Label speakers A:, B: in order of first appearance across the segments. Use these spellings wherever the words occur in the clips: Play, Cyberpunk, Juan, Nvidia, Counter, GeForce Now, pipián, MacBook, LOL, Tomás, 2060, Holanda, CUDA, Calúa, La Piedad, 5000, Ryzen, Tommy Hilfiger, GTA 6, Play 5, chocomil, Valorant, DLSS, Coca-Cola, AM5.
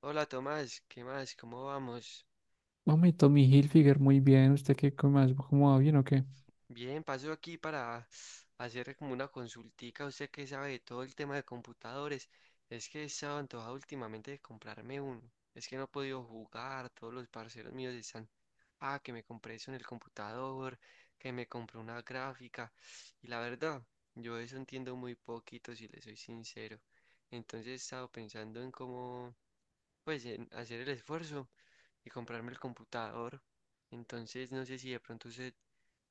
A: Hola Tomás, ¿qué más? ¿Cómo vamos?
B: Mami Tommy Hilfiger, muy bien. ¿Usted qué come más? ¿Cómo va bien o qué?
A: Bien, paso aquí para hacer como una consultica. Usted que sabe de todo el tema de computadores, es que he estado antojado últimamente de comprarme uno. Es que no he podido jugar, todos los parceros míos están, ah, que me compré eso en el computador, que me compré una gráfica. Y la verdad, yo de eso entiendo muy poquito, si le soy sincero. Entonces he estado pensando en cómo pues en hacer el esfuerzo y comprarme el computador. Entonces, no sé si de pronto usted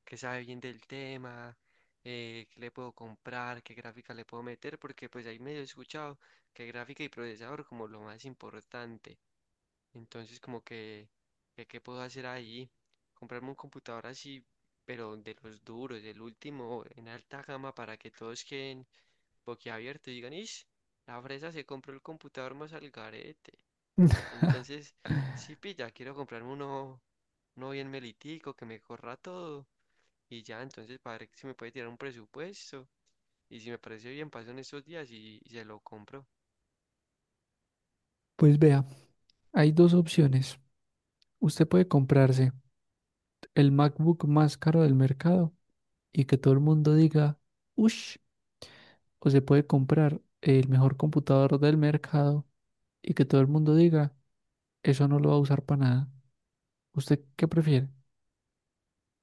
A: que sabe bien del tema, qué le puedo comprar, qué gráfica le puedo meter, porque pues ahí medio he escuchado que gráfica y procesador como lo más importante. Entonces, como que qué puedo hacer ahí, comprarme un computador así, pero de los duros, el último, en alta gama, para que todos queden boquiabiertos y digan, ish, la fresa se compró el computador más al garete. Entonces, sí, pilla, quiero comprarme uno, uno bien melitico, que me corra todo. Y ya, entonces, para ver si me puede tirar un presupuesto. Y si me parece bien, paso en estos días y se lo compro.
B: Pues vea, hay dos opciones. Usted puede comprarse el MacBook más caro del mercado y que todo el mundo diga, ush, o se puede comprar el mejor computador del mercado y que todo el mundo diga, eso no lo va a usar para nada. ¿Usted qué prefiere?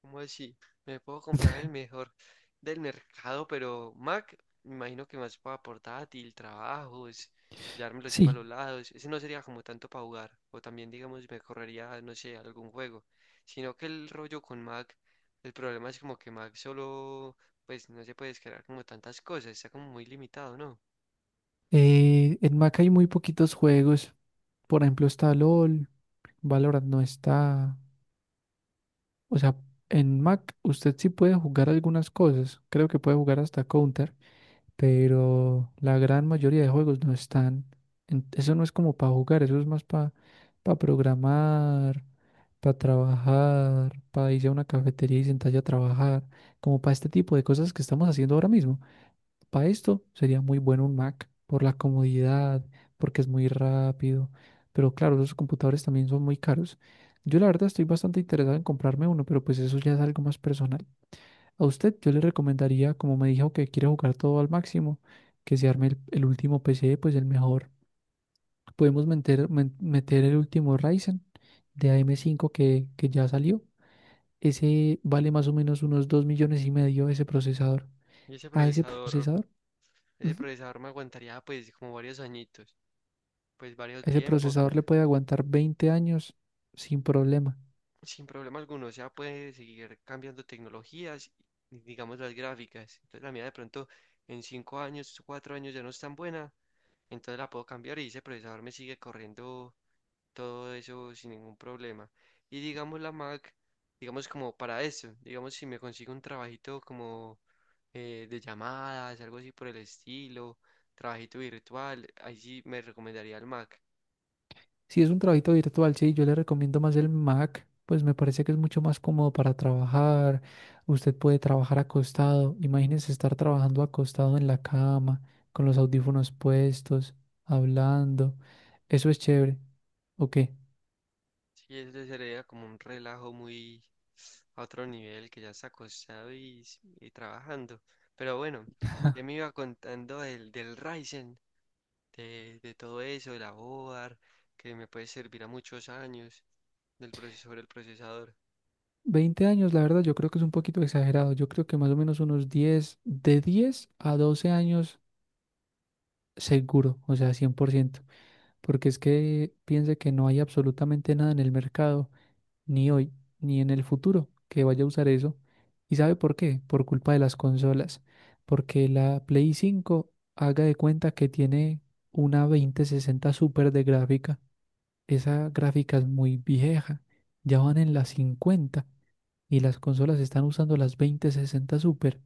A: ¿Cómo así? Me puedo comprar el mejor del mercado, pero Mac, me imagino que más para portátil, trabajos, llevármelo así para
B: Sí,
A: los lados. Ese no sería como tanto para jugar. O también, digamos, me correría, no sé, algún juego. Sino que el rollo con Mac, el problema es como que Mac solo, pues no se puede descargar como tantas cosas. Está como muy limitado, ¿no?
B: en Mac hay muy poquitos juegos. Por ejemplo, está LOL, Valorant no está. O sea, en Mac usted sí puede jugar algunas cosas, creo que puede jugar hasta Counter, pero la gran mayoría de juegos no están. Eso no es como para jugar, eso es más para programar, para trabajar, para irse a una cafetería y sentarse a trabajar, como para este tipo de cosas que estamos haciendo ahora mismo. Para esto sería muy bueno un Mac por la comodidad, porque es muy rápido, pero claro, los computadores también son muy caros. Yo la verdad estoy bastante interesado en comprarme uno, pero pues eso ya es algo más personal. A usted yo le recomendaría, como me dijo que quiere jugar todo al máximo, que se arme el último PC, pues el mejor. Podemos meter el último Ryzen de AM5 que ya salió. Ese vale más o menos unos 2,5 millones ese procesador.
A: Y
B: A ese procesador.
A: ese
B: Ujú.
A: procesador me aguantaría pues como varios añitos, pues varios
B: Ese
A: tiempos.
B: procesador le puede aguantar 20 años sin problema.
A: Sin problema alguno, o sea, puede seguir cambiando tecnologías, y, digamos las gráficas. Entonces la mía de pronto en cinco años, cuatro años ya no es tan buena, entonces la puedo cambiar y ese procesador me sigue corriendo todo eso sin ningún problema. Y digamos la Mac, digamos como para eso, digamos si me consigo un trabajito como de llamadas, algo así por el estilo, trabajito virtual, ahí sí me recomendaría el Mac.
B: Si es un trabajito virtual, sí, yo le recomiendo más el Mac, pues me parece que es mucho más cómodo para trabajar. Usted puede trabajar acostado. Imagínese estar trabajando acostado en la cama, con los audífonos puestos, hablando. Eso es chévere. ¿O qué?
A: Sí, eso sería como un relajo muy a otro nivel que ya está acostado y trabajando. Pero bueno, ya me iba contando del Ryzen, de todo eso, de la board, que me puede servir a muchos años, del procesador el procesador.
B: 20 años, la verdad, yo creo que es un poquito exagerado. Yo creo que más o menos unos 10, de 10 a 12 años seguro, o sea, 100%. Porque es que piense que no hay absolutamente nada en el mercado, ni hoy, ni en el futuro, que vaya a usar eso. ¿Y sabe por qué? Por culpa de las consolas, porque la Play 5 haga de cuenta que tiene una 2060 super de gráfica. Esa gráfica es muy vieja, ya van en las 50 y las consolas están usando las 2060 Super.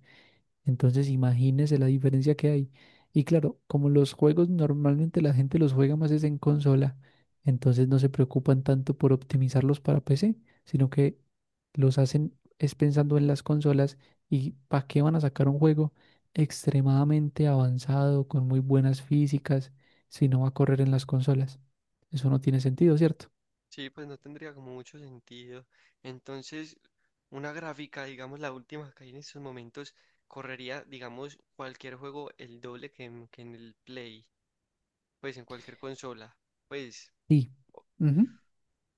B: Entonces, imagínese la diferencia que hay. Y claro, como los juegos normalmente la gente los juega más es en consola, entonces no se preocupan tanto por optimizarlos para PC, sino que los hacen es pensando en las consolas y para qué van a sacar un juego extremadamente avanzado, con muy buenas físicas, si no va a correr en las consolas. Eso no tiene sentido, ¿cierto?
A: Sí, pues no tendría como mucho sentido. Entonces, una gráfica, digamos la última que hay en estos momentos, correría, digamos, cualquier juego el doble que en el Play, pues en cualquier consola. Pues.
B: Sí. Ujú.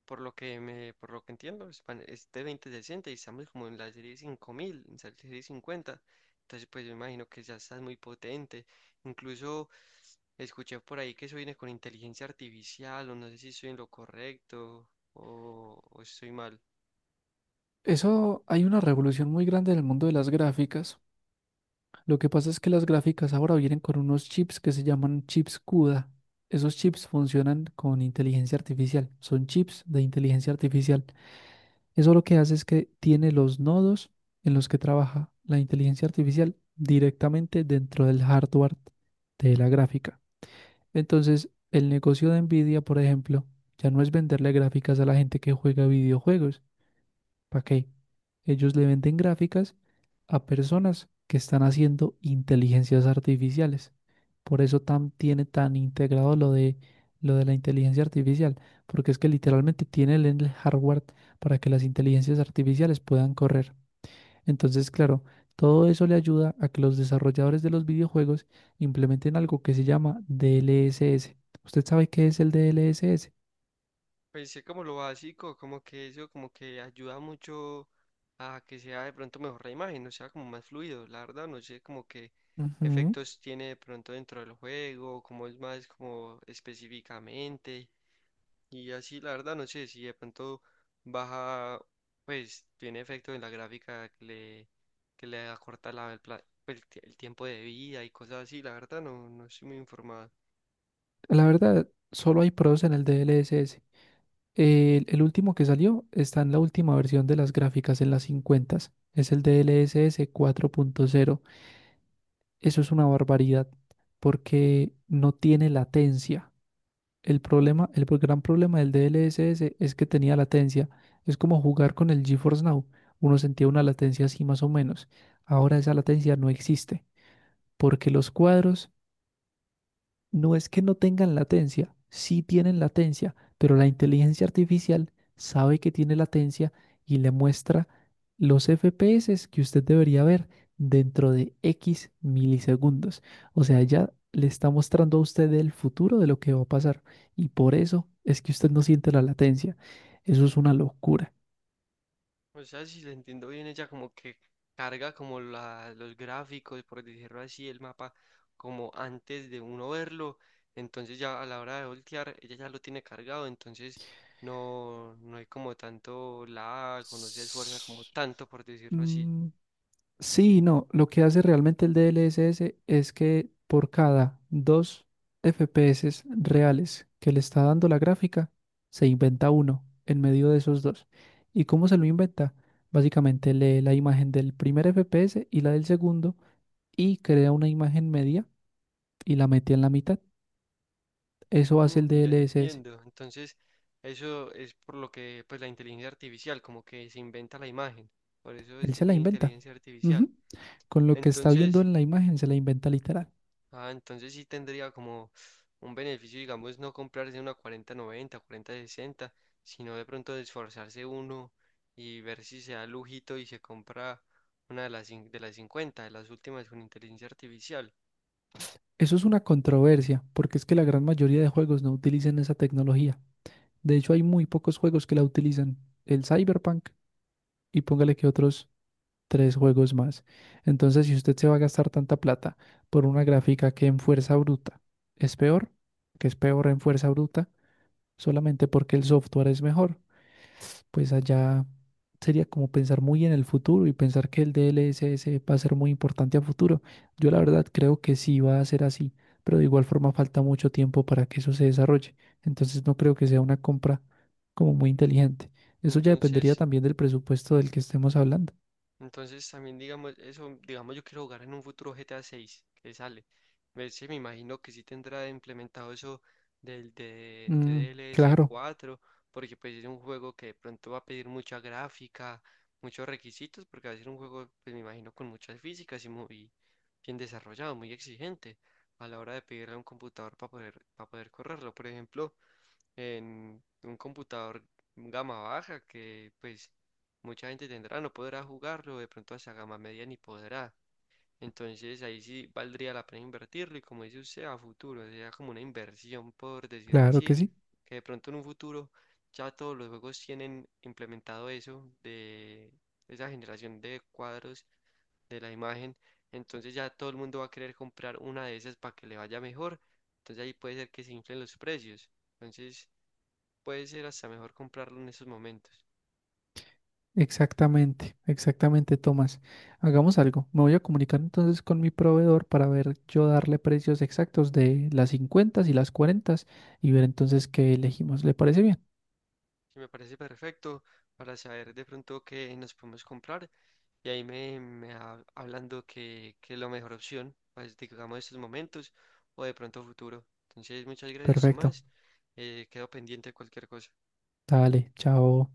A: Por lo que entiendo, es, es de 2060 y estamos como en la serie 5000, en la serie 50. Entonces, pues yo imagino que ya estás muy potente. Incluso escuché por ahí que eso viene con inteligencia artificial, o no sé si estoy en lo correcto o estoy mal.
B: Eso hay una revolución muy grande en el mundo de las gráficas. Lo que pasa es que las gráficas ahora vienen con unos chips que se llaman chips CUDA. Esos chips funcionan con inteligencia artificial, son chips de inteligencia artificial. Eso lo que hace es que tiene los nodos en los que trabaja la inteligencia artificial directamente dentro del hardware de la gráfica. Entonces, el negocio de Nvidia, por ejemplo, ya no es venderle gráficas a la gente que juega videojuegos. ¿Para qué? Ellos le venden gráficas a personas que están haciendo inteligencias artificiales. Por eso tiene tan integrado lo de la inteligencia artificial, porque es que literalmente tiene el hardware para que las inteligencias artificiales puedan correr. Entonces, claro, todo eso le ayuda a que los desarrolladores de los videojuegos implementen algo que se llama DLSS. ¿Usted sabe qué es el DLSS?
A: Pues sí, como lo básico, como que eso, como que ayuda mucho a que sea de pronto mejor la imagen, o sea, como más fluido, la verdad, no sé como qué
B: Ujú.
A: efectos tiene de pronto dentro del juego, como es más como específicamente, y así, la verdad, no sé si de pronto baja, pues tiene efecto en la gráfica que le acorta la, el, el tiempo de vida y cosas así, la verdad, no estoy muy informado.
B: La verdad, solo hay pros en el DLSS. El último que salió está en la última versión de las gráficas, en las 50. Es el DLSS 4.0. Eso es una barbaridad porque no tiene latencia. El problema, gran problema del DLSS es que tenía latencia. Es como jugar con el GeForce Now. Uno sentía una latencia así más o menos. Ahora esa latencia no existe porque los cuadros, no es que no tengan latencia, sí tienen latencia, pero la inteligencia artificial sabe que tiene latencia y le muestra los FPS que usted debería ver dentro de X milisegundos. O sea, ya le está mostrando a usted el futuro de lo que va a pasar y por eso es que usted no siente la latencia. Eso es una locura.
A: O sea, si la entiendo bien, ella como que carga como la, los gráficos, por decirlo así, el mapa como antes de uno verlo. Entonces ya a la hora de voltear, ella ya lo tiene cargado, entonces no hay como tanto lag o no se esfuerza como
B: S-
A: tanto, por decirlo así.
B: Mm, Sí, no, lo que hace realmente el DLSS es que por cada dos FPS reales que le está dando la gráfica, se inventa uno en medio de esos dos. ¿Y cómo se lo inventa? Básicamente lee la imagen del primer FPS y la del segundo y crea una imagen media y la mete en la mitad. Eso hace el
A: Mm, ya
B: DLSS.
A: entiendo. Entonces, eso es por lo que pues la inteligencia artificial, como que se inventa la imagen. Por eso es
B: Él
A: que
B: se la
A: tiene
B: inventa.
A: inteligencia artificial.
B: Ujú. Con lo que está viendo
A: Entonces,
B: en la imagen se la inventa literal.
A: ah, entonces sí tendría como un beneficio, digamos, no comprarse una cuarenta noventa, cuarenta sesenta, sino de pronto de esforzarse uno y ver si se da lujito y se compra una de las, de las 50, de las últimas con inteligencia artificial.
B: Eso es una controversia, porque es que la gran mayoría de juegos no utilizan esa tecnología. De hecho, hay muy pocos juegos que la utilizan. El Cyberpunk y póngale que otros tres juegos más. Entonces, si usted se va a gastar tanta plata por una gráfica que en fuerza bruta es peor, que es peor en fuerza bruta, solamente porque el software es mejor, pues allá sería como pensar muy en el futuro y pensar que el DLSS va a ser muy importante a futuro. Yo la verdad creo que sí va a ser así, pero de igual forma falta mucho tiempo para que eso se desarrolle. Entonces no creo que sea una compra como muy inteligente. Eso ya dependería
A: Entonces
B: también del presupuesto del que estemos hablando.
A: Entonces también digamos eso, digamos yo quiero jugar en un futuro GTA 6 que sale. Me, sí, me imagino que sí tendrá implementado eso
B: Mm,
A: DLS
B: claro,
A: 4 porque pues es un juego que de pronto va a pedir mucha gráfica, muchos requisitos, porque va a ser un juego, pues me imagino, con muchas físicas y muy bien desarrollado, muy exigente a la hora de pedirle a un computador para poder correrlo. Por ejemplo, en un computador gama baja que pues mucha gente tendrá, no podrá jugarlo, de pronto hacia gama media ni podrá. Entonces ahí sí valdría la pena invertirlo y como dice usted, a futuro, sería como una inversión, por decirlo
B: claro que
A: así,
B: sí.
A: que de pronto en un futuro ya todos los juegos tienen implementado eso de esa generación de cuadros de la imagen, entonces ya todo el mundo va a querer comprar una de esas para que le vaya mejor, entonces ahí puede ser que se inflen los precios. Entonces, puede ser hasta mejor comprarlo en esos momentos.
B: Exactamente, exactamente, Tomás. Hagamos algo. Me voy a comunicar entonces con mi proveedor para ver yo darle precios exactos de las 50 y las 40 y ver entonces qué elegimos. ¿Le parece bien?
A: Sí, me parece perfecto para saber de pronto qué nos podemos comprar y ahí hablando que es la mejor opción, pues, digamos, estos momentos o de pronto futuro. Entonces, muchas gracias,
B: Perfecto.
A: Tomás. Quedo pendiente de cualquier cosa.
B: Dale, chao.